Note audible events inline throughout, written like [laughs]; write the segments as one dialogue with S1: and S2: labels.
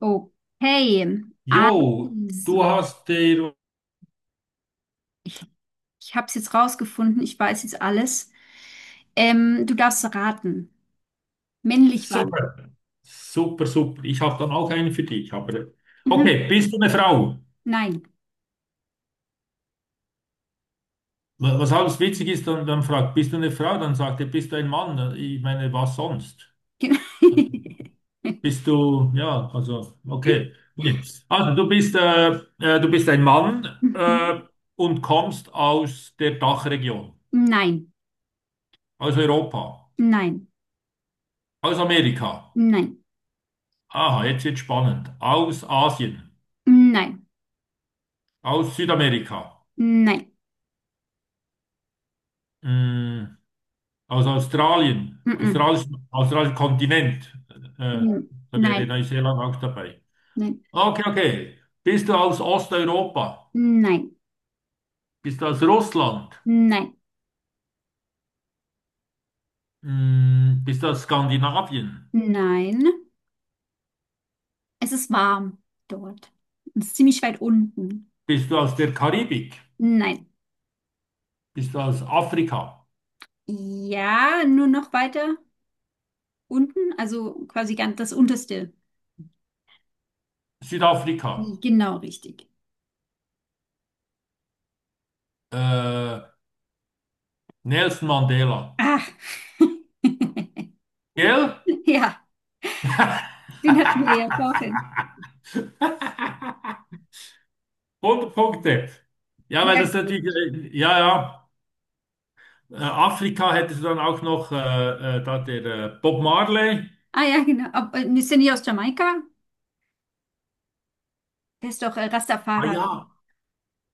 S1: Okay,
S2: Jo, du
S1: also,
S2: hast den.
S1: ich, ich habe es jetzt rausgefunden, ich weiß jetzt alles. Du darfst raten. Männlich waren wir.
S2: Super, super, super. Ich habe dann auch einen für dich. Aber
S1: Mhm.
S2: okay, bist du eine Frau?
S1: Nein.
S2: Was alles witzig ist, dann fragt, bist du eine Frau? Dann sagt er, bist du ein Mann? Ich meine, was sonst?
S1: [laughs]
S2: Bist du, ja, also, okay. Nee. Also, du bist ein Mann
S1: Mhm.
S2: und kommst aus der Dachregion,
S1: Nein,
S2: aus Europa,
S1: nein,
S2: aus Amerika.
S1: nein,
S2: Aha, jetzt wird spannend. Aus Asien,
S1: nein,
S2: aus Südamerika.
S1: nein,
S2: Mm. Aus Australien,
S1: mhm.
S2: australischen Kontinent. Äh,
S1: Mhm,
S2: Da wäre
S1: nein,
S2: Neuseeland auch dabei.
S1: nein,
S2: Okay, okay. Bist du aus Osteuropa?
S1: nein,
S2: Bist du aus Russland?
S1: nein,
S2: Bist du aus Skandinavien?
S1: nein. Es ist warm dort. Es ist ziemlich weit unten.
S2: Bist du aus der Karibik?
S1: Nein.
S2: Bist du aus Afrika?
S1: Ja, nur noch weiter. Unten, also quasi ganz das unterste.
S2: Südafrika?
S1: Genau richtig.
S2: Äh, Nelson Mandela.
S1: Ah, [laughs]
S2: Gell?
S1: ja,
S2: [laughs]
S1: den hatten wir ja vorhin.
S2: 100 Punkte. Ja, weil das natürlich,
S1: Herrgott.
S2: ja, ja. Afrika hättest du dann auch noch da der Bob Marley.
S1: Ah ja, genau. Ob, ist der nicht aus Jamaika? Der ist doch
S2: Ah
S1: Rastafari.
S2: ja,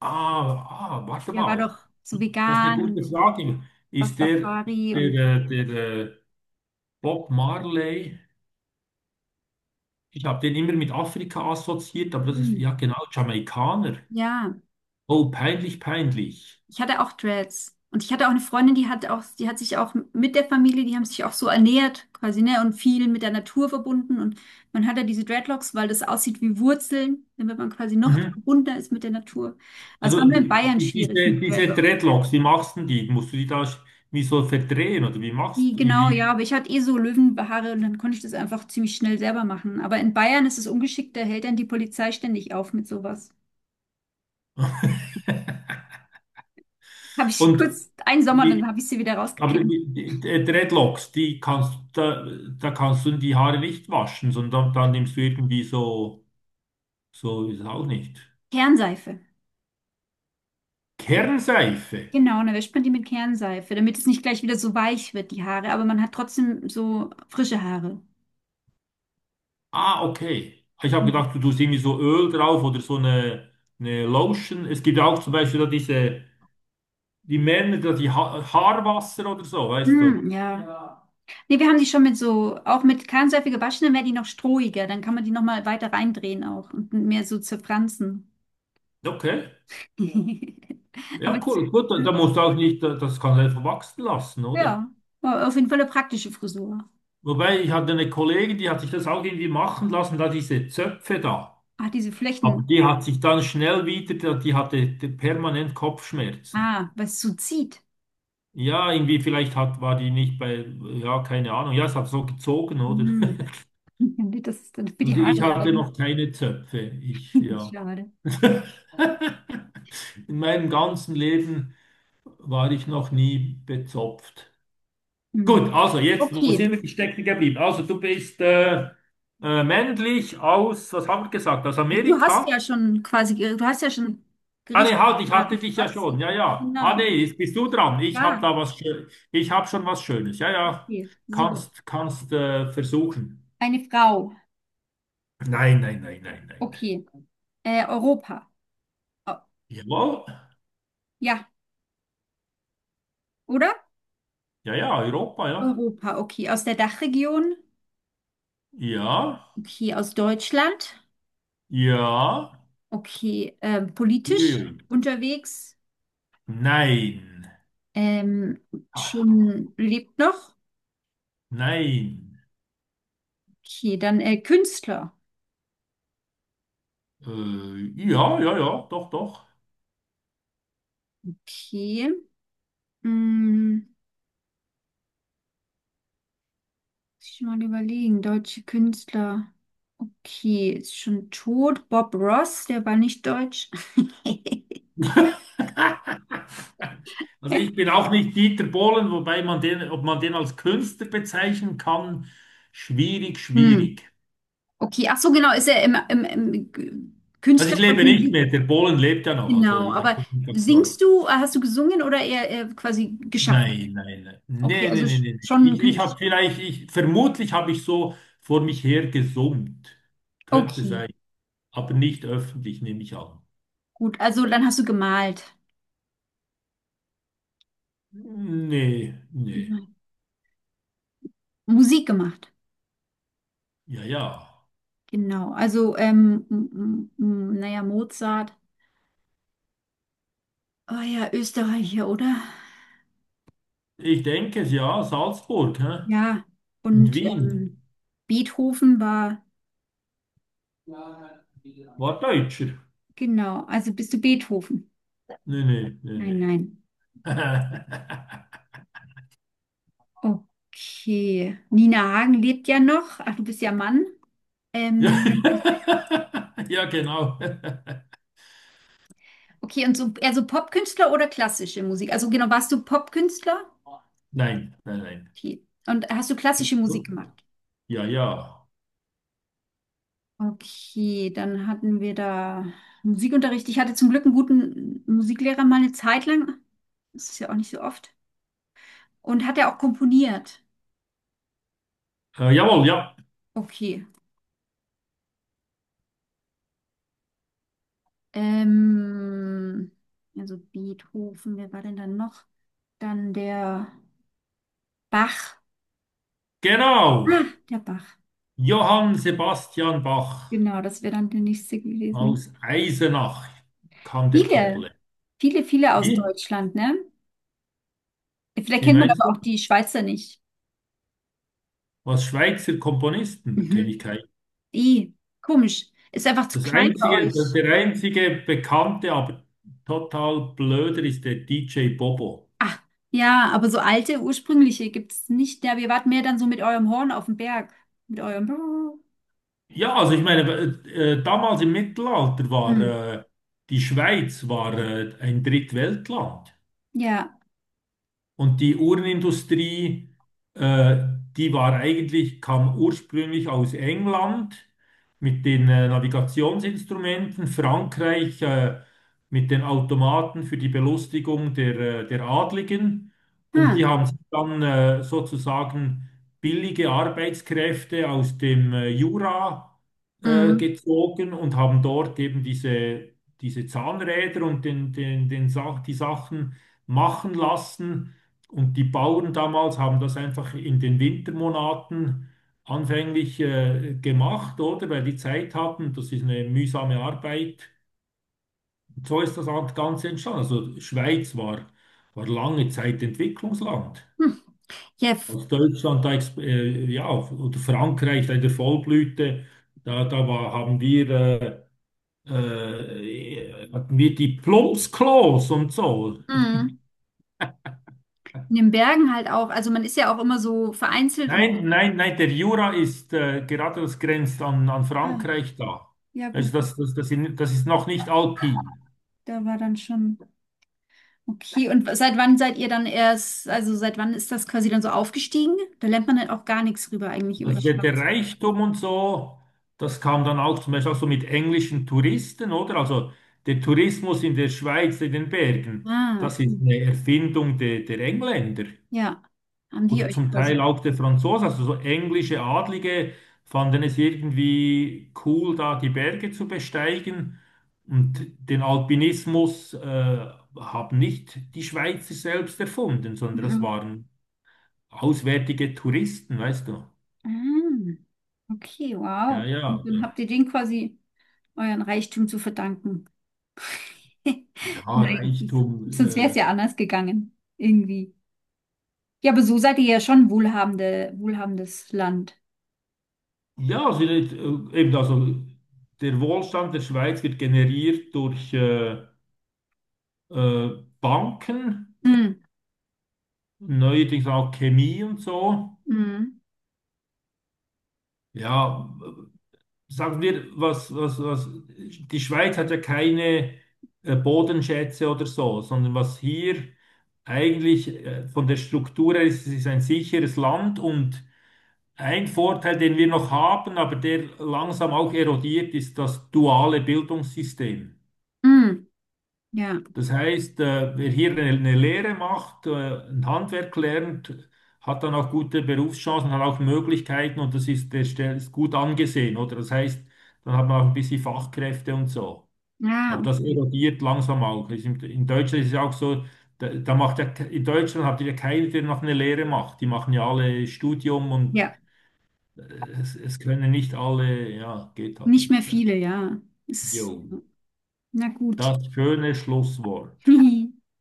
S2: ah, ah, warte
S1: Der war
S2: mal.
S1: doch so
S2: Das ist eine
S1: vegan
S2: gute
S1: und
S2: Frage. Ist der,
S1: Rastafari und
S2: der, äh, der äh, Bob Marley, ich habe den immer mit Afrika assoziiert, aber das ist,
S1: hm,
S2: ja genau, Jamaikaner.
S1: ja.
S2: Oh, peinlich, peinlich.
S1: Ich hatte auch Dreads. Und ich hatte auch eine Freundin, die hat auch, die hat sich auch mit der Familie, die haben sich auch so ernährt, quasi, ne, und viel mit der Natur verbunden. Und man hat ja diese Dreadlocks, weil das aussieht wie Wurzeln, damit man quasi noch
S2: Mhm.
S1: verbundener ist mit der Natur. Also es war
S2: Also
S1: nur in
S2: die,
S1: Bayern
S2: die-
S1: schwierig
S2: diese,
S1: mit
S2: diese
S1: Dreadlocks.
S2: Dreadlocks, wie machst du die? Musst du die da wie so verdrehen oder wie
S1: Die,
S2: machst du
S1: genau, ja, aber ich hatte eh so Löwenhaare und dann konnte ich das einfach ziemlich schnell selber machen. Aber in Bayern ist es ungeschickt, da hält dann die Polizei ständig auf mit sowas.
S2: wie-
S1: Habe
S2: [laughs]
S1: ich
S2: und
S1: kurz einen Sommer, dann habe ich sie wieder
S2: Aber
S1: rausgekämmt.
S2: die Dreadlocks, da kannst du die Haare nicht waschen, sondern dann nimmst du irgendwie so, so ist es auch nicht.
S1: Kernseife.
S2: Kernseife.
S1: Genau, und dann wäscht man die mit Kernseife, damit es nicht gleich wieder so weich wird, die Haare, aber man hat trotzdem so frische Haare.
S2: Ah, okay. Ich habe
S1: Mhm.
S2: gedacht, du tust irgendwie so Öl drauf oder so eine Lotion. Es gibt auch zum Beispiel da diese, die Männer, da die ha Haarwasser oder so, weißt du.
S1: Mm, ja. Ja. Nee, wir haben die schon mit so, auch mit Kernseife gewaschen, dann werden die noch strohiger, dann kann man die nochmal weiter reindrehen auch und mehr so zerfransen.
S2: Okay.
S1: Ja. [laughs] Aber
S2: Ja,
S1: es-
S2: cool. Gut, da musst du auch nicht, das kannst du einfach wachsen lassen, oder?
S1: ja, war auf jeden Fall eine praktische Frisur.
S2: Wobei, ich hatte eine Kollegin, die hat sich das auch irgendwie machen lassen, da diese Zöpfe da.
S1: Ah, diese
S2: Aber
S1: Flächen,
S2: die hat sich dann schnell wieder, die hatte permanent Kopfschmerzen.
S1: ah, was so zieht.
S2: Ja, irgendwie vielleicht hat, war die nicht bei, ja, keine Ahnung. Ja, es hat so gezogen, oder?
S1: Mm.
S2: [laughs]
S1: [laughs] Das ist dann für die
S2: Also ich
S1: Haare
S2: hatte
S1: leiden.
S2: noch keine Zöpfe. Ich,
S1: [laughs]
S2: ja.
S1: Schade.
S2: [laughs] In meinem ganzen Leben war ich noch nie bezopft.
S1: Mhm.
S2: Gut, also jetzt, wo
S1: Okay,
S2: sind wir stecken geblieben? Also du bist männlich aus, was haben wir gesagt, aus
S1: du hast ja
S2: Amerika?
S1: schon quasi, du hast ja schon
S2: Ah nee,
S1: Gericht
S2: halt, ich hatte
S1: geraten. Du
S2: dich ja
S1: hattest,
S2: schon. Ja, ja. Ah
S1: genau,
S2: nee, jetzt bist du dran. Ich habe
S1: ja,
S2: da was Schö- ich habe schon was Schönes. Ja, ja.
S1: okay, super.
S2: Kannst versuchen.
S1: Eine Frau,
S2: Nein, nein, nein, nein, nein.
S1: okay. Europa, oh,
S2: Jawohl.
S1: ja, oder?
S2: Ja, ja, Europa, ja.
S1: Europa, okay. Aus der Dachregion,
S2: Ja.
S1: okay. Aus Deutschland,
S2: Ja.
S1: okay. Politisch
S2: Ja.
S1: unterwegs,
S2: Nein.
S1: ähm,
S2: Aha.
S1: schon lebt noch,
S2: Nein.
S1: okay. Dann Künstler,
S2: Äh, ja, ja, ja, doch, doch.
S1: okay. Mm. Muss ich mal überlegen. Deutsche Künstler. Okay, ist schon tot. Bob Ross, der war nicht deutsch. [laughs]
S2: [laughs] Also ich bin auch nicht Dieter Bohlen, wobei man den, ob man den als Künstler bezeichnen kann, schwierig,
S1: Hm.
S2: schwierig.
S1: Okay, ach so, genau, ist er
S2: Also
S1: Künstler
S2: ich lebe
S1: quasi
S2: nicht
S1: Musik.
S2: mehr, der Bohlen lebt ja noch, also
S1: Genau,
S2: ich habe
S1: aber
S2: das nicht
S1: singst
S2: als.
S1: du, hast du gesungen oder eher quasi geschaffen?
S2: Nein, nein, nein,
S1: Okay,
S2: nee, nee,
S1: also
S2: nee, nee, nee.
S1: schon ein
S2: Ich habe
S1: Künstler.
S2: vielleicht, ich, vermutlich habe ich so vor mich her gesummt. Könnte
S1: Okay,
S2: sein, aber nicht öffentlich, nehme ich an.
S1: gut, also dann hast du gemalt.
S2: Nee, nee,
S1: Mhm. Musik gemacht.
S2: ja, ja.
S1: Genau, also, naja, Mozart. Oh ja, Österreicher, oder?
S2: Ich denke es, ja, Salzburg, hä?
S1: Ja,
S2: Und
S1: und ja,
S2: Wien.
S1: Beethoven war,
S2: War Deutscher?
S1: genau, also bist du Beethoven?
S2: Nee, nee, nee,
S1: Nein,
S2: nee.
S1: nein.
S2: [laughs]
S1: Okay. Nina Hagen lebt ja noch. Ach, du bist ja Mann.
S2: Ja,
S1: Ähm,
S2: [laughs] ja, genau. [laughs]
S1: okay, und so, eher so Popkünstler oder klassische Musik? Also genau, warst du Popkünstler?
S2: Nein, nein, nein.
S1: Okay. Und hast du klassische Musik
S2: [laughs]
S1: gemacht?
S2: Ja, ja.
S1: Okay, dann hatten wir da Musikunterricht. Ich hatte zum Glück einen guten Musiklehrer mal eine Zeit lang. Das ist ja auch nicht so oft. Und hat er auch komponiert?
S2: Jawohl, ja.
S1: Okay. Ähm, also Beethoven, wer war denn dann noch? Dann der Bach.
S2: Genau.
S1: Ah, der Bach.
S2: Johann Sebastian Bach
S1: Genau, das wäre dann der nächste gewesen.
S2: aus Eisenach kam der
S1: Viele,
S2: Kerle.
S1: viele, viele aus
S2: Wie?
S1: Deutschland, ne? Vielleicht
S2: Wie
S1: kennt man
S2: meinst
S1: aber
S2: du?
S1: auch die Schweizer nicht.
S2: Was Schweizer Komponisten kenne
S1: Mhm.
S2: ich keinen.
S1: I, komisch. Ist einfach zu
S2: Das
S1: klein bei
S2: einzige,
S1: euch.
S2: der einzige bekannte, aber total blöder ist der DJ Bobo.
S1: Ah, ja, aber so alte, ursprüngliche gibt es nicht. Ja, wir warten mehr dann so mit eurem Horn auf dem Berg. Mit eurem.
S2: Ja, also ich meine, damals im Mittelalter war
S1: Hm.
S2: die Schweiz war ein Drittweltland.
S1: Ja.
S2: Und die Uhrenindustrie, äh, die war eigentlich, kam ursprünglich aus England mit den Navigationsinstrumenten, Frankreich mit den Automaten für die Belustigung der Adligen. Und die
S1: Hm.
S2: haben sich dann sozusagen billige Arbeitskräfte aus dem Jura
S1: Hm.
S2: gezogen und haben dort eben diese Zahnräder und den, den, den Sach die Sachen machen lassen. Und die Bauern damals haben das einfach in den Wintermonaten anfänglich gemacht, oder? Weil die Zeit hatten, das ist eine mühsame Arbeit. Und so ist das Ganze entstanden. Also Schweiz war, lange Zeit Entwicklungsland.
S1: Hm. Jeff.
S2: Als Deutschland da, oder Frankreich da in der Vollblüte, da war, hatten wir die Plumpsklos und so.
S1: In den Bergen halt auch. Also man ist ja auch immer so vereinzelt und
S2: Nein, nein, nein, der Jura ist gerade das grenzt an
S1: ah,
S2: Frankreich da.
S1: ja
S2: Also
S1: gut, das,
S2: das ist noch nicht alpin.
S1: da war dann schon okay. Und seit wann seid ihr dann erst, also seit wann ist das quasi dann so aufgestiegen? Da lernt man halt auch gar nichts rüber eigentlich über
S2: Also
S1: die
S2: der
S1: Schweiz.
S2: Reichtum und so, das kam dann auch zum Beispiel auch so mit englischen Touristen, oder? Also der Tourismus in der Schweiz, in den Bergen,
S1: Ah,
S2: das
S1: okay.
S2: ist eine Erfindung der Engländer.
S1: Ja, haben die
S2: Oder
S1: euch
S2: zum
S1: quasi.
S2: Teil auch der Franzose, also so englische Adlige, fanden es irgendwie cool, da die Berge zu besteigen. Und den Alpinismus haben nicht die Schweizer selbst erfunden, sondern das
S1: Mhm.
S2: waren auswärtige Touristen, weißt du?
S1: Ah, okay,
S2: Ja,
S1: wow.
S2: ja.
S1: Und dann habt ihr den quasi euren Reichtum zu verdanken. [laughs]
S2: Ja,
S1: Nein,
S2: Reichtum.
S1: sonst wäre es ja anders gegangen. Irgendwie. Ja, aber so seid ihr ja schon wohlhabendes Land.
S2: Ja, also, eben, also der Wohlstand der Schweiz wird generiert durch Banken,
S1: Mm,
S2: neuerdings auch Chemie und so.
S1: mm,
S2: Ja, sagen wir, was, die Schweiz hat ja keine Bodenschätze oder so, sondern was hier eigentlich von der Struktur her ist, es ist ein sicheres Land und ein Vorteil, den wir noch haben, aber der langsam auch erodiert, ist das duale Bildungssystem.
S1: mm, ja,
S2: Das heißt, wer hier eine Lehre macht, ein Handwerk lernt, hat dann auch gute Berufschancen, hat auch Möglichkeiten und das ist, ist gut angesehen, oder? Das heißt, dann hat man auch ein bisschen Fachkräfte und so.
S1: ja,
S2: Aber das
S1: okay.
S2: erodiert langsam auch. In Deutschland ist es ja auch so, da macht ja, in Deutschland habt ihr ja keinen, der noch eine Lehre macht. Die machen ja alle Studium und
S1: Ja,
S2: äh, es können nicht alle, ja, geht halt
S1: nicht mehr
S2: nicht, ja.
S1: viele, ja.
S2: Jo,
S1: Ist, ja, na gut.
S2: das schöne Schlusswort.
S1: [laughs]